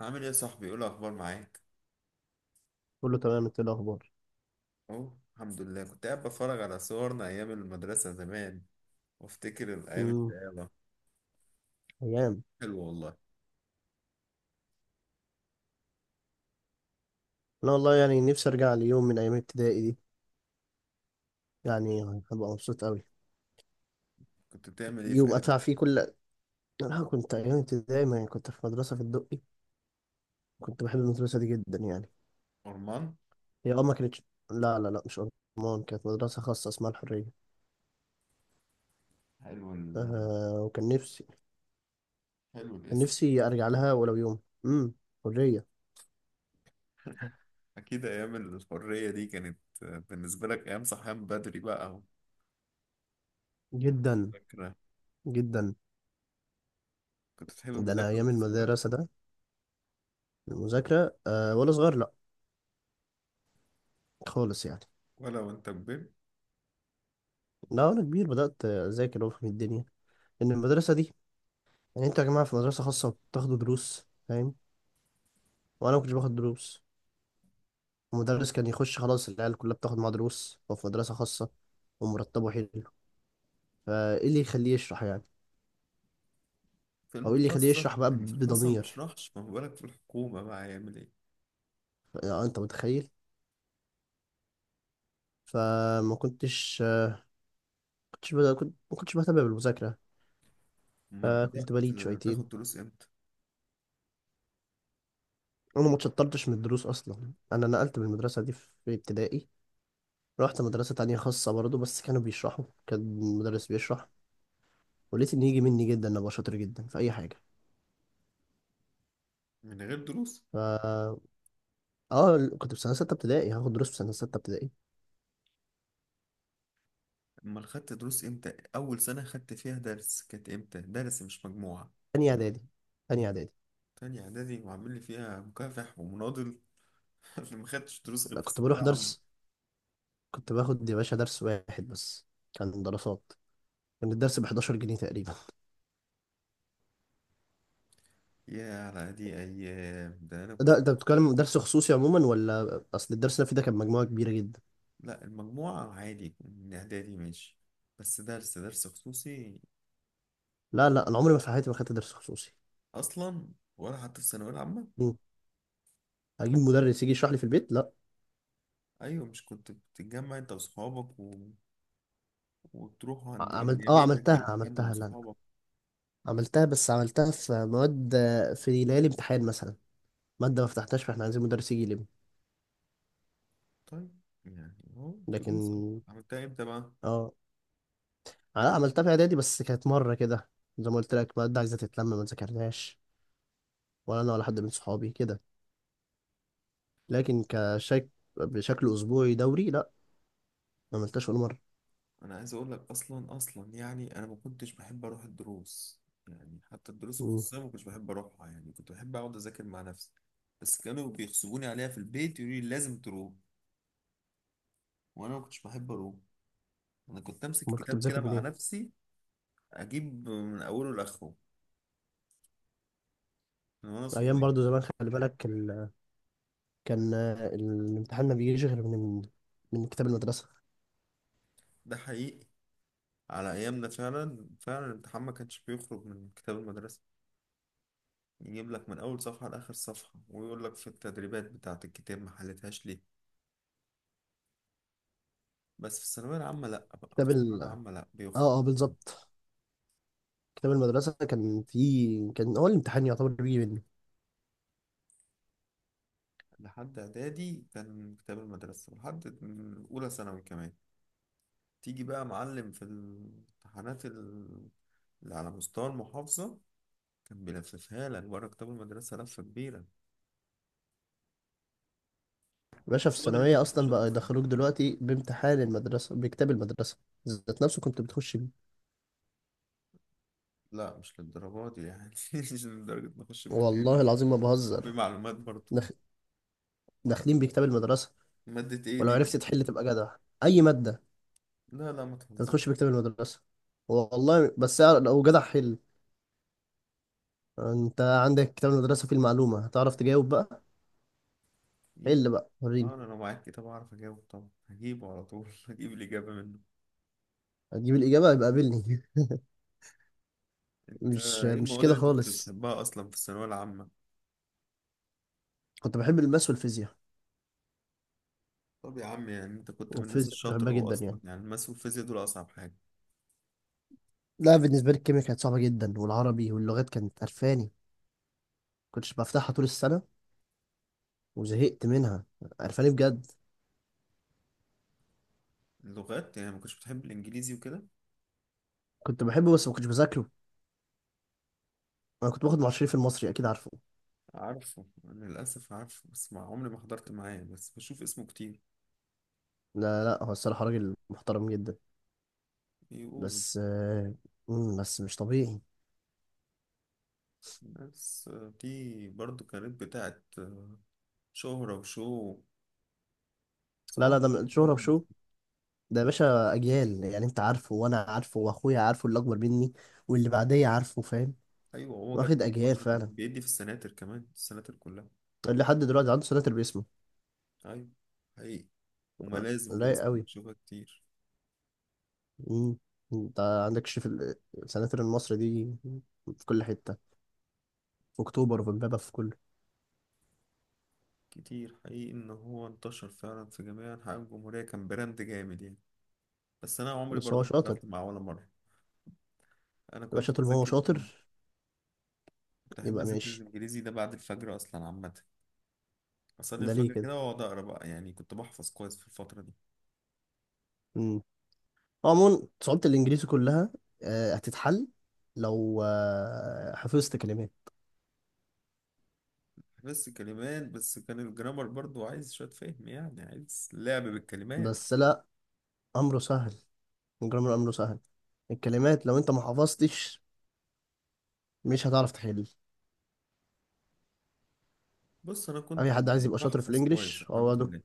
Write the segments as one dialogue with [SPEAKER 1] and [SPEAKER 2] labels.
[SPEAKER 1] عامل ايه يا صاحبي؟ ايه الاخبار معاك؟
[SPEAKER 2] كله تمام، انت ايه الاخبار؟
[SPEAKER 1] اهو الحمد لله، كنت قاعد بتفرج على صورنا ايام المدرسه زمان وافتكر الايام
[SPEAKER 2] امم
[SPEAKER 1] الشقاوه.
[SPEAKER 2] ايام.
[SPEAKER 1] حلو والله.
[SPEAKER 2] انا والله يعني نفسي ارجع ليوم من ايام ابتدائي دي. يعني هبقى مبسوط قوي.
[SPEAKER 1] كنت بتعمل ايه في
[SPEAKER 2] يوم
[SPEAKER 1] ايام
[SPEAKER 2] ادفع فيه كل. انا كنت ايام ابتدائي ما كنت في مدرسه في الدقي. كنت بحب المدرسه دي جدا يعني.
[SPEAKER 1] أرمان؟
[SPEAKER 2] هي ما كانتش. لا لا لا، مش ارمان. كانت مدرسه خاصه اسمها الحريه.
[SPEAKER 1] حلو
[SPEAKER 2] وكان نفسي.
[SPEAKER 1] حلو
[SPEAKER 2] كان
[SPEAKER 1] الاسم.
[SPEAKER 2] نفسي ارجع لها ولو يوم. امم حريه.
[SPEAKER 1] اكيد ايام الحريه دي كانت بالنسبه لك ايام صحيان بدري بقى
[SPEAKER 2] جدا.
[SPEAKER 1] ومذاكره.
[SPEAKER 2] جدا.
[SPEAKER 1] كنت تحب
[SPEAKER 2] ده انا
[SPEAKER 1] المذاكره
[SPEAKER 2] ايام
[SPEAKER 1] وانت صغير؟
[SPEAKER 2] المدرسه ده. المذاكره وانا صغير، لا، خالص يعني.
[SPEAKER 1] ولا وانت كبير؟
[SPEAKER 2] لا، وانا كبير بدات اذاكر وافهم الدنيا، ان المدرسه دي، يعني انتوا يا جماعه في مدرسه خاصه بتاخدوا دروس، فاهم؟ وانا ما كنتش باخد دروس. المدرس كان يخش خلاص، العيال كلها بتاخد معاه دروس، وفي مدرسه خاصه ومرتبه حلو، فايه اللي يخليه يشرح يعني،
[SPEAKER 1] في
[SPEAKER 2] او ايه اللي يخليه
[SPEAKER 1] المخصص.
[SPEAKER 2] يشرح بقى
[SPEAKER 1] يعني في الخاصه ما
[SPEAKER 2] بضمير؟
[SPEAKER 1] بيشرحش، ما بالك في الحكومه بقى هيعمل ايه؟
[SPEAKER 2] يعني انت متخيل. فما كنتش كنتش بد- كنت ما كنتش بهتم بالمذاكره.
[SPEAKER 1] امال بدات
[SPEAKER 2] كنت بليد شويتين.
[SPEAKER 1] تاخد دروس امتى؟
[SPEAKER 2] انا ما اتشطرتش من الدروس اصلا، انا نقلت من المدرسه دي في ابتدائي. رحت مدرسه تانية خاصه برضه، بس كانوا بيشرحوا، كان المدرس بيشرح، ولقيت ان يجي مني جدا إن ابقى شاطر جدا في اي حاجه.
[SPEAKER 1] من غير دروس.
[SPEAKER 2] ف اه كنت في سنه سته ابتدائي هاخد دروس في سنه سته ابتدائي.
[SPEAKER 1] امال خدت دروس امتى؟ اول سنه خدت فيها درس كانت امتى؟ درس مش مجموعه.
[SPEAKER 2] تاني اعدادي. تاني اعدادي.
[SPEAKER 1] تانية اعدادي وعامل لي فيها مكافح ومناضل اللي ما خدتش دروس غير
[SPEAKER 2] لا،
[SPEAKER 1] في
[SPEAKER 2] كنت
[SPEAKER 1] الثانويه
[SPEAKER 2] بروح
[SPEAKER 1] العامه.
[SPEAKER 2] درس، كنت باخد يا باشا درس واحد بس، كان دراسات. كان الدرس ب 11 جنيه تقريبا.
[SPEAKER 1] يا على دي ايام، ده انا كنت.
[SPEAKER 2] ده انت بتتكلم درس خصوصي عموما، ولا اصل الدرس اللي أنا فيه ده كان مجموعه كبيره جدا.
[SPEAKER 1] لا المجموعه عادي من اعدادي ماشي، بس درس خصوصي.
[SPEAKER 2] لا لا، انا عمري ما في حياتي ما خدت درس خصوصي.
[SPEAKER 1] اصلا ولا حتى في الثانويه العامه؟
[SPEAKER 2] مم. هجيب مدرس يجي يشرح لي في البيت؟ لا.
[SPEAKER 1] ايوه، مش كنت بتتجمع انت واصحابك وتروحوا عند يا بيتك يا
[SPEAKER 2] عملتها
[SPEAKER 1] بيت حد من
[SPEAKER 2] عملتها لا لا،
[SPEAKER 1] صحابك؟
[SPEAKER 2] عملتها، بس عملتها في مواد، في ليالي امتحان مثلا، مادة ما فتحتهاش فاحنا عايزين مدرس يجي يلم.
[SPEAKER 1] طيب يعني اهو دروس أهو.
[SPEAKER 2] لكن
[SPEAKER 1] عملتها امتى بقى؟
[SPEAKER 2] اه انا عملتها في اعدادي بس كانت مره كده، زي ما قلت لك، ماده عايزه تتلم، ما ذاكرناش ولا انا ولا حد من صحابي كده. لكن كشك بشكل اسبوعي دوري، لا، ما عملتهاش ولا مره.
[SPEAKER 1] انا عايز اقول لك، اصلا يعني انا ما كنتش بحب اروح الدروس، يعني حتى الدروس
[SPEAKER 2] مم.
[SPEAKER 1] الخصوصيه ما كنتش بحب اروحها، يعني كنت بحب اقعد اذاكر مع نفسي. بس كانوا بيغصبوني عليها في البيت يقولوا لي لازم تروح، وانا ما كنتش بحب اروح. انا كنت امسك
[SPEAKER 2] امال كنت
[SPEAKER 1] الكتاب كده
[SPEAKER 2] بذاكر
[SPEAKER 1] مع
[SPEAKER 2] منين؟
[SPEAKER 1] نفسي، اجيب من اوله لاخره، من وانا
[SPEAKER 2] ايام
[SPEAKER 1] صغير.
[SPEAKER 2] برضو زمان، خلي بالك، كان الامتحان ما بيجيش غير من كتاب المدرسه.
[SPEAKER 1] ده حقيقي. على ايامنا فعلا فعلا الامتحان ما كانش بيخرج من كتاب المدرسه، يجيب لك من اول صفحه لاخر صفحه ويقول لك في التدريبات بتاعه الكتاب ما حلتهاش ليه. بس في الثانوية العامة لأ، بقى في
[SPEAKER 2] كتاب
[SPEAKER 1] الثانوية
[SPEAKER 2] ال...
[SPEAKER 1] العامة لأ بيخرج.
[SPEAKER 2] اه اه، بالظبط. كتاب المدرسه كان هو الامتحان يعتبر بيجي.
[SPEAKER 1] لحد إعدادي كان كتاب المدرسة، لحد أولى ثانوي كمان. تيجي بقى معلم في الامتحانات اللي على مستوى المحافظة، كان بيلففها لك بره كتاب المدرسة لفة كبيرة.
[SPEAKER 2] باشا، في
[SPEAKER 1] هو ده اللي أنت
[SPEAKER 2] الثانوية
[SPEAKER 1] كنت
[SPEAKER 2] أصلا
[SPEAKER 1] شاطر
[SPEAKER 2] بقى
[SPEAKER 1] فيه؟
[SPEAKER 2] يدخلوك دلوقتي بامتحان المدرسة، بكتاب المدرسة ذات نفسه كنت بتخش بيه،
[SPEAKER 1] لا مش للدرجة دي يعني مش لدرجة نخش بكتير
[SPEAKER 2] والله
[SPEAKER 1] يعني.
[SPEAKER 2] العظيم ما
[SPEAKER 1] ما في
[SPEAKER 2] بهزر.
[SPEAKER 1] معلومات برضه.
[SPEAKER 2] داخ- داخلين بكتاب المدرسة،
[SPEAKER 1] مادة إيه
[SPEAKER 2] ولو
[SPEAKER 1] دي اللي
[SPEAKER 2] عرفت
[SPEAKER 1] أنت
[SPEAKER 2] تحل
[SPEAKER 1] كنت-
[SPEAKER 2] تبقى جدع. أي مادة،
[SPEAKER 1] لا لا ما
[SPEAKER 2] أنت بتخش
[SPEAKER 1] تهزرش.
[SPEAKER 2] بكتاب المدرسة، والله. بس لو جدع، حل. أنت عندك كتاب المدرسة فيه المعلومة، هتعرف تجاوب بقى. حل
[SPEAKER 1] يمكن.
[SPEAKER 2] بقى وريني.
[SPEAKER 1] أنا لو معاك كتاب أعرف أجاوب طبعا، هجيبه على طول هجيب الإجابة منه.
[SPEAKER 2] هتجيب الإجابة يبقى قابلني.
[SPEAKER 1] انت
[SPEAKER 2] مش
[SPEAKER 1] ايه
[SPEAKER 2] مش
[SPEAKER 1] المواد
[SPEAKER 2] كده
[SPEAKER 1] اللي انت كنت
[SPEAKER 2] خالص.
[SPEAKER 1] بتحبها اصلا في الثانويه العامه؟
[SPEAKER 2] كنت بحب الماس والفيزياء،
[SPEAKER 1] طب يا عم، يعني انت كنت من الناس
[SPEAKER 2] والفيزياء كنت
[SPEAKER 1] الشاطره،
[SPEAKER 2] بحبها
[SPEAKER 1] هو
[SPEAKER 2] جدا يعني.
[SPEAKER 1] اصلا يعني الماس والفيزياء دول اصعب حاجه.
[SPEAKER 2] لا، بالنسبة لي الكيمياء كانت صعبة جدا، والعربي واللغات كانت قرفاني، كنتش بفتحها طول السنة وزهقت منها، عرفاني بجد.
[SPEAKER 1] اللغات يعني ما كنتش بتحب الانجليزي وكده؟
[SPEAKER 2] كنت بحبه بس ما كنتش بذاكره. انا كنت باخد معشرين في المصري، اكيد عارفه.
[SPEAKER 1] عارفه، انا للاسف عارفه بس ما عمري ما حضرت معاه، بس بشوف اسمه كتير.
[SPEAKER 2] لا لا، هو الصراحة راجل محترم جدا.
[SPEAKER 1] يقولوا.
[SPEAKER 2] بس مم، بس مش طبيعي.
[SPEAKER 1] الناس دي برضو كانت بتاعت شهرة وشو،
[SPEAKER 2] لا لا،
[SPEAKER 1] صعب.
[SPEAKER 2] ده من شهرة
[SPEAKER 1] بحب الناس
[SPEAKER 2] وشو.
[SPEAKER 1] دي.
[SPEAKER 2] ده يا باشا اجيال، يعني انت عارفه وانا عارفه واخويا عارفه اللي اكبر مني واللي بعديه عارفه، فاهم؟
[SPEAKER 1] ايوه، هو جت
[SPEAKER 2] واخد
[SPEAKER 1] دي
[SPEAKER 2] اجيال
[SPEAKER 1] فتره كان
[SPEAKER 2] فعلا،
[SPEAKER 1] بيدي في السناتر كمان، السناتر كلها.
[SPEAKER 2] اللي حد دلوقتي عنده سناتر باسمه.
[SPEAKER 1] ايوه حقيقي،
[SPEAKER 2] آه،
[SPEAKER 1] وملازم
[SPEAKER 2] رايق
[SPEAKER 1] باسمه
[SPEAKER 2] قوي.
[SPEAKER 1] بشوفها كتير.
[SPEAKER 2] مم. انت عندك شريف السناتر المصري دي في كل حتة، في اكتوبر وفي امبابة، في كله.
[SPEAKER 1] كتير حقيقي ان هو انتشر فعلا في جميع انحاء الجمهوريه، كان براند جامد يعني. بس انا عمري
[SPEAKER 2] بس هو
[SPEAKER 1] برضه ما
[SPEAKER 2] شاطر،
[SPEAKER 1] حضرت معاه ولا مره. انا
[SPEAKER 2] يبقى
[SPEAKER 1] كنت
[SPEAKER 2] شاطر، ما هو
[SPEAKER 1] بذاكر.
[SPEAKER 2] شاطر،
[SPEAKER 1] كنت احب
[SPEAKER 2] يبقى
[SPEAKER 1] اذاكر
[SPEAKER 2] ماشي.
[SPEAKER 1] الانجليزي ده بعد الفجر اصلا عامه، اصلي
[SPEAKER 2] ده ليه
[SPEAKER 1] الفجر
[SPEAKER 2] كده؟
[SPEAKER 1] كده واقعد اقرا بقى، يعني كنت بحفظ كويس في الفتره دي.
[SPEAKER 2] امم عموما صعوبة الإنجليزي كلها هتتحل لو حفظت كلمات.
[SPEAKER 1] بس كلمات بس، كان الجرامر برضه عايز شويه فهم، يعني عايز لعب بالكلمات.
[SPEAKER 2] بس لا، أمره سهل، الجرامر أمره سهل. الكلمات لو أنت ما حفظتش مش هتعرف تحل.
[SPEAKER 1] بص انا كنت
[SPEAKER 2] أي حد عايز يبقى شاطر في
[SPEAKER 1] بحفظ كويس
[SPEAKER 2] الإنجليش، هو
[SPEAKER 1] الحمد
[SPEAKER 2] ده.
[SPEAKER 1] لله.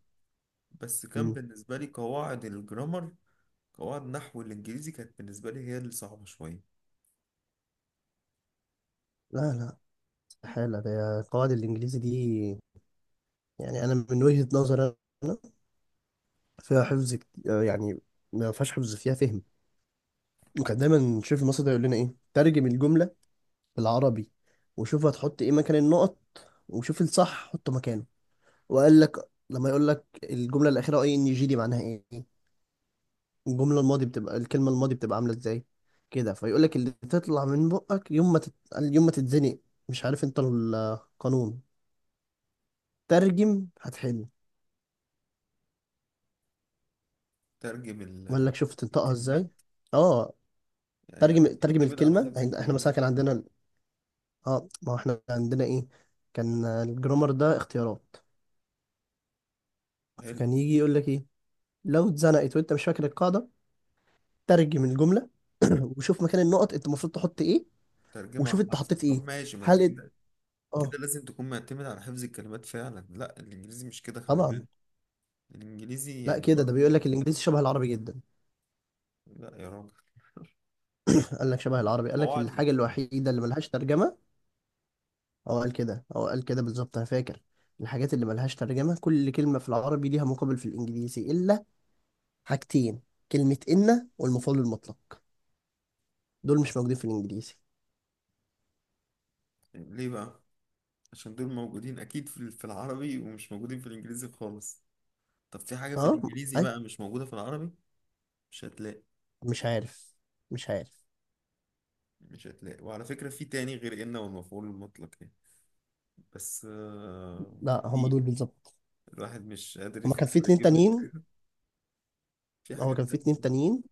[SPEAKER 1] بس كان
[SPEAKER 2] مم.
[SPEAKER 1] بالنسبه لي قواعد الجرامر، قواعد نحو الانجليزي كانت بالنسبه لي هي اللي صعبه شويه.
[SPEAKER 2] لا لا، استحالة. ده قواعد الإنجليزي دي يعني، أنا من وجهة نظري أنا، فيها حفظ يعني ما فيهاش حفظ، فيها فهم. وكان دايما شيف مصر ده يقول لنا إيه؟ ترجم الجملة بالعربي، وشوف هتحط ايه مكان النقط، وشوف الصح حطه مكانه. وقال لك لما يقول لك الجمله الاخيره ING دي معناها ايه، الجمله الماضي بتبقى الكلمه الماضي بتبقى عامله ازاي، كده، فيقول لك اللي تطلع من بقك يوم ما يوم ما تتزنق، مش عارف انت القانون، ترجم، هتحل.
[SPEAKER 1] ترجم
[SPEAKER 2] وقال لك شوف تنطقها ازاي.
[SPEAKER 1] الكلمات،
[SPEAKER 2] اه،
[SPEAKER 1] يعني انا
[SPEAKER 2] ترجم ترجم
[SPEAKER 1] بيعتمد على
[SPEAKER 2] الكلمه.
[SPEAKER 1] حفظ
[SPEAKER 2] يعني احنا مثلا
[SPEAKER 1] الكلمات.
[SPEAKER 2] كان عندنا اه ما هو احنا عندنا ايه؟ كان الجرامر ده اختيارات،
[SPEAKER 1] حلو.
[SPEAKER 2] فكان يجي يقول لك ايه، لو اتزنقت وانت مش فاكر القاعده، ترجم الجمله وشوف مكان النقط انت المفروض تحط ايه،
[SPEAKER 1] ترجمة
[SPEAKER 2] وشوف انت
[SPEAKER 1] حرفي،
[SPEAKER 2] حطيت ايه،
[SPEAKER 1] طب ماشي، ما انت
[SPEAKER 2] هل انت،
[SPEAKER 1] كده، كده
[SPEAKER 2] اه،
[SPEAKER 1] لازم تكون معتمد على حفظ الكلمات فعلا. لا الانجليزي مش كده خلي
[SPEAKER 2] طبعا.
[SPEAKER 1] بالك، الانجليزي
[SPEAKER 2] لا،
[SPEAKER 1] يعني
[SPEAKER 2] كده، ده بيقول لك
[SPEAKER 1] برضو.
[SPEAKER 2] الانجليزي شبه العربي جدا،
[SPEAKER 1] لا يا راجل.
[SPEAKER 2] قال لك شبه
[SPEAKER 1] لا
[SPEAKER 2] العربي، قال لك
[SPEAKER 1] قواعد
[SPEAKER 2] الحاجه
[SPEAKER 1] مختلفة.
[SPEAKER 2] الوحيده اللي ملهاش ترجمه، هو قال كده، هو قال كده بالظبط، انا فاكر. الحاجات اللي ملهاش ترجمه، كل كلمه في العربي ليها مقابل في الانجليزي الا حاجتين: كلمه ان والمفعول المطلق، دول مش موجودين في الانجليزي.
[SPEAKER 1] ليه بقى؟ عشان دول موجودين اكيد في في العربي ومش موجودين في الانجليزي خالص. طب في حاجة في
[SPEAKER 2] اه،
[SPEAKER 1] الانجليزي
[SPEAKER 2] ايوه،
[SPEAKER 1] بقى مش موجودة في العربي؟ مش هتلاقي.
[SPEAKER 2] مش عارف، مش عارف.
[SPEAKER 1] مش هتلاقي، وعلى فكرة في تاني غير إن والمفعول المطلق يعني، بس
[SPEAKER 2] لا، هم
[SPEAKER 1] في
[SPEAKER 2] دول بالظبط.
[SPEAKER 1] الواحد مش قادر
[SPEAKER 2] هما كان في
[SPEAKER 1] يفكر
[SPEAKER 2] اتنين
[SPEAKER 1] يجيب لك
[SPEAKER 2] تانيين
[SPEAKER 1] في
[SPEAKER 2] هو
[SPEAKER 1] حاجات
[SPEAKER 2] كان في اتنين
[SPEAKER 1] تانية.
[SPEAKER 2] تانيين،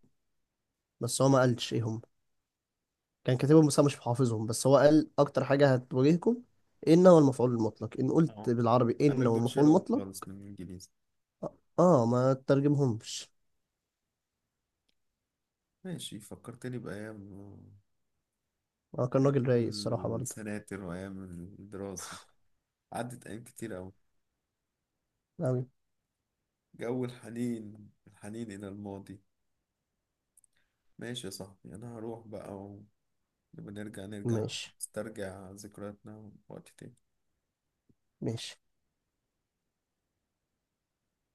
[SPEAKER 2] بس هو ما قالش ايه هم، كان كاتبهم بس أنا مش حافظهم. بس هو قال اكتر حاجه هتواجهكم ان هو المفعول المطلق، ان قلت
[SPEAKER 1] اهو،
[SPEAKER 2] بالعربي
[SPEAKER 1] قال لك
[SPEAKER 2] ان هو
[SPEAKER 1] دول
[SPEAKER 2] المفعول
[SPEAKER 1] شيلهم
[SPEAKER 2] المطلق.
[SPEAKER 1] خالص من الانجليزي.
[SPEAKER 2] ما تترجمهمش.
[SPEAKER 1] ماشي، فكرتني بأيام،
[SPEAKER 2] اه، كان راجل رايق الصراحه
[SPEAKER 1] أيام
[SPEAKER 2] برضه،
[SPEAKER 1] السناتر وأيام الدراسة. عدت أيام كتير أوي.
[SPEAKER 2] أوي.
[SPEAKER 1] جو الحنين، الحنين إلى الماضي. ماشي يا صاحبي، أنا هروح بقى ونبقى نرجع، نرجع
[SPEAKER 2] ماشي
[SPEAKER 1] نسترجع ذكرياتنا وقت تاني.
[SPEAKER 2] ماشي.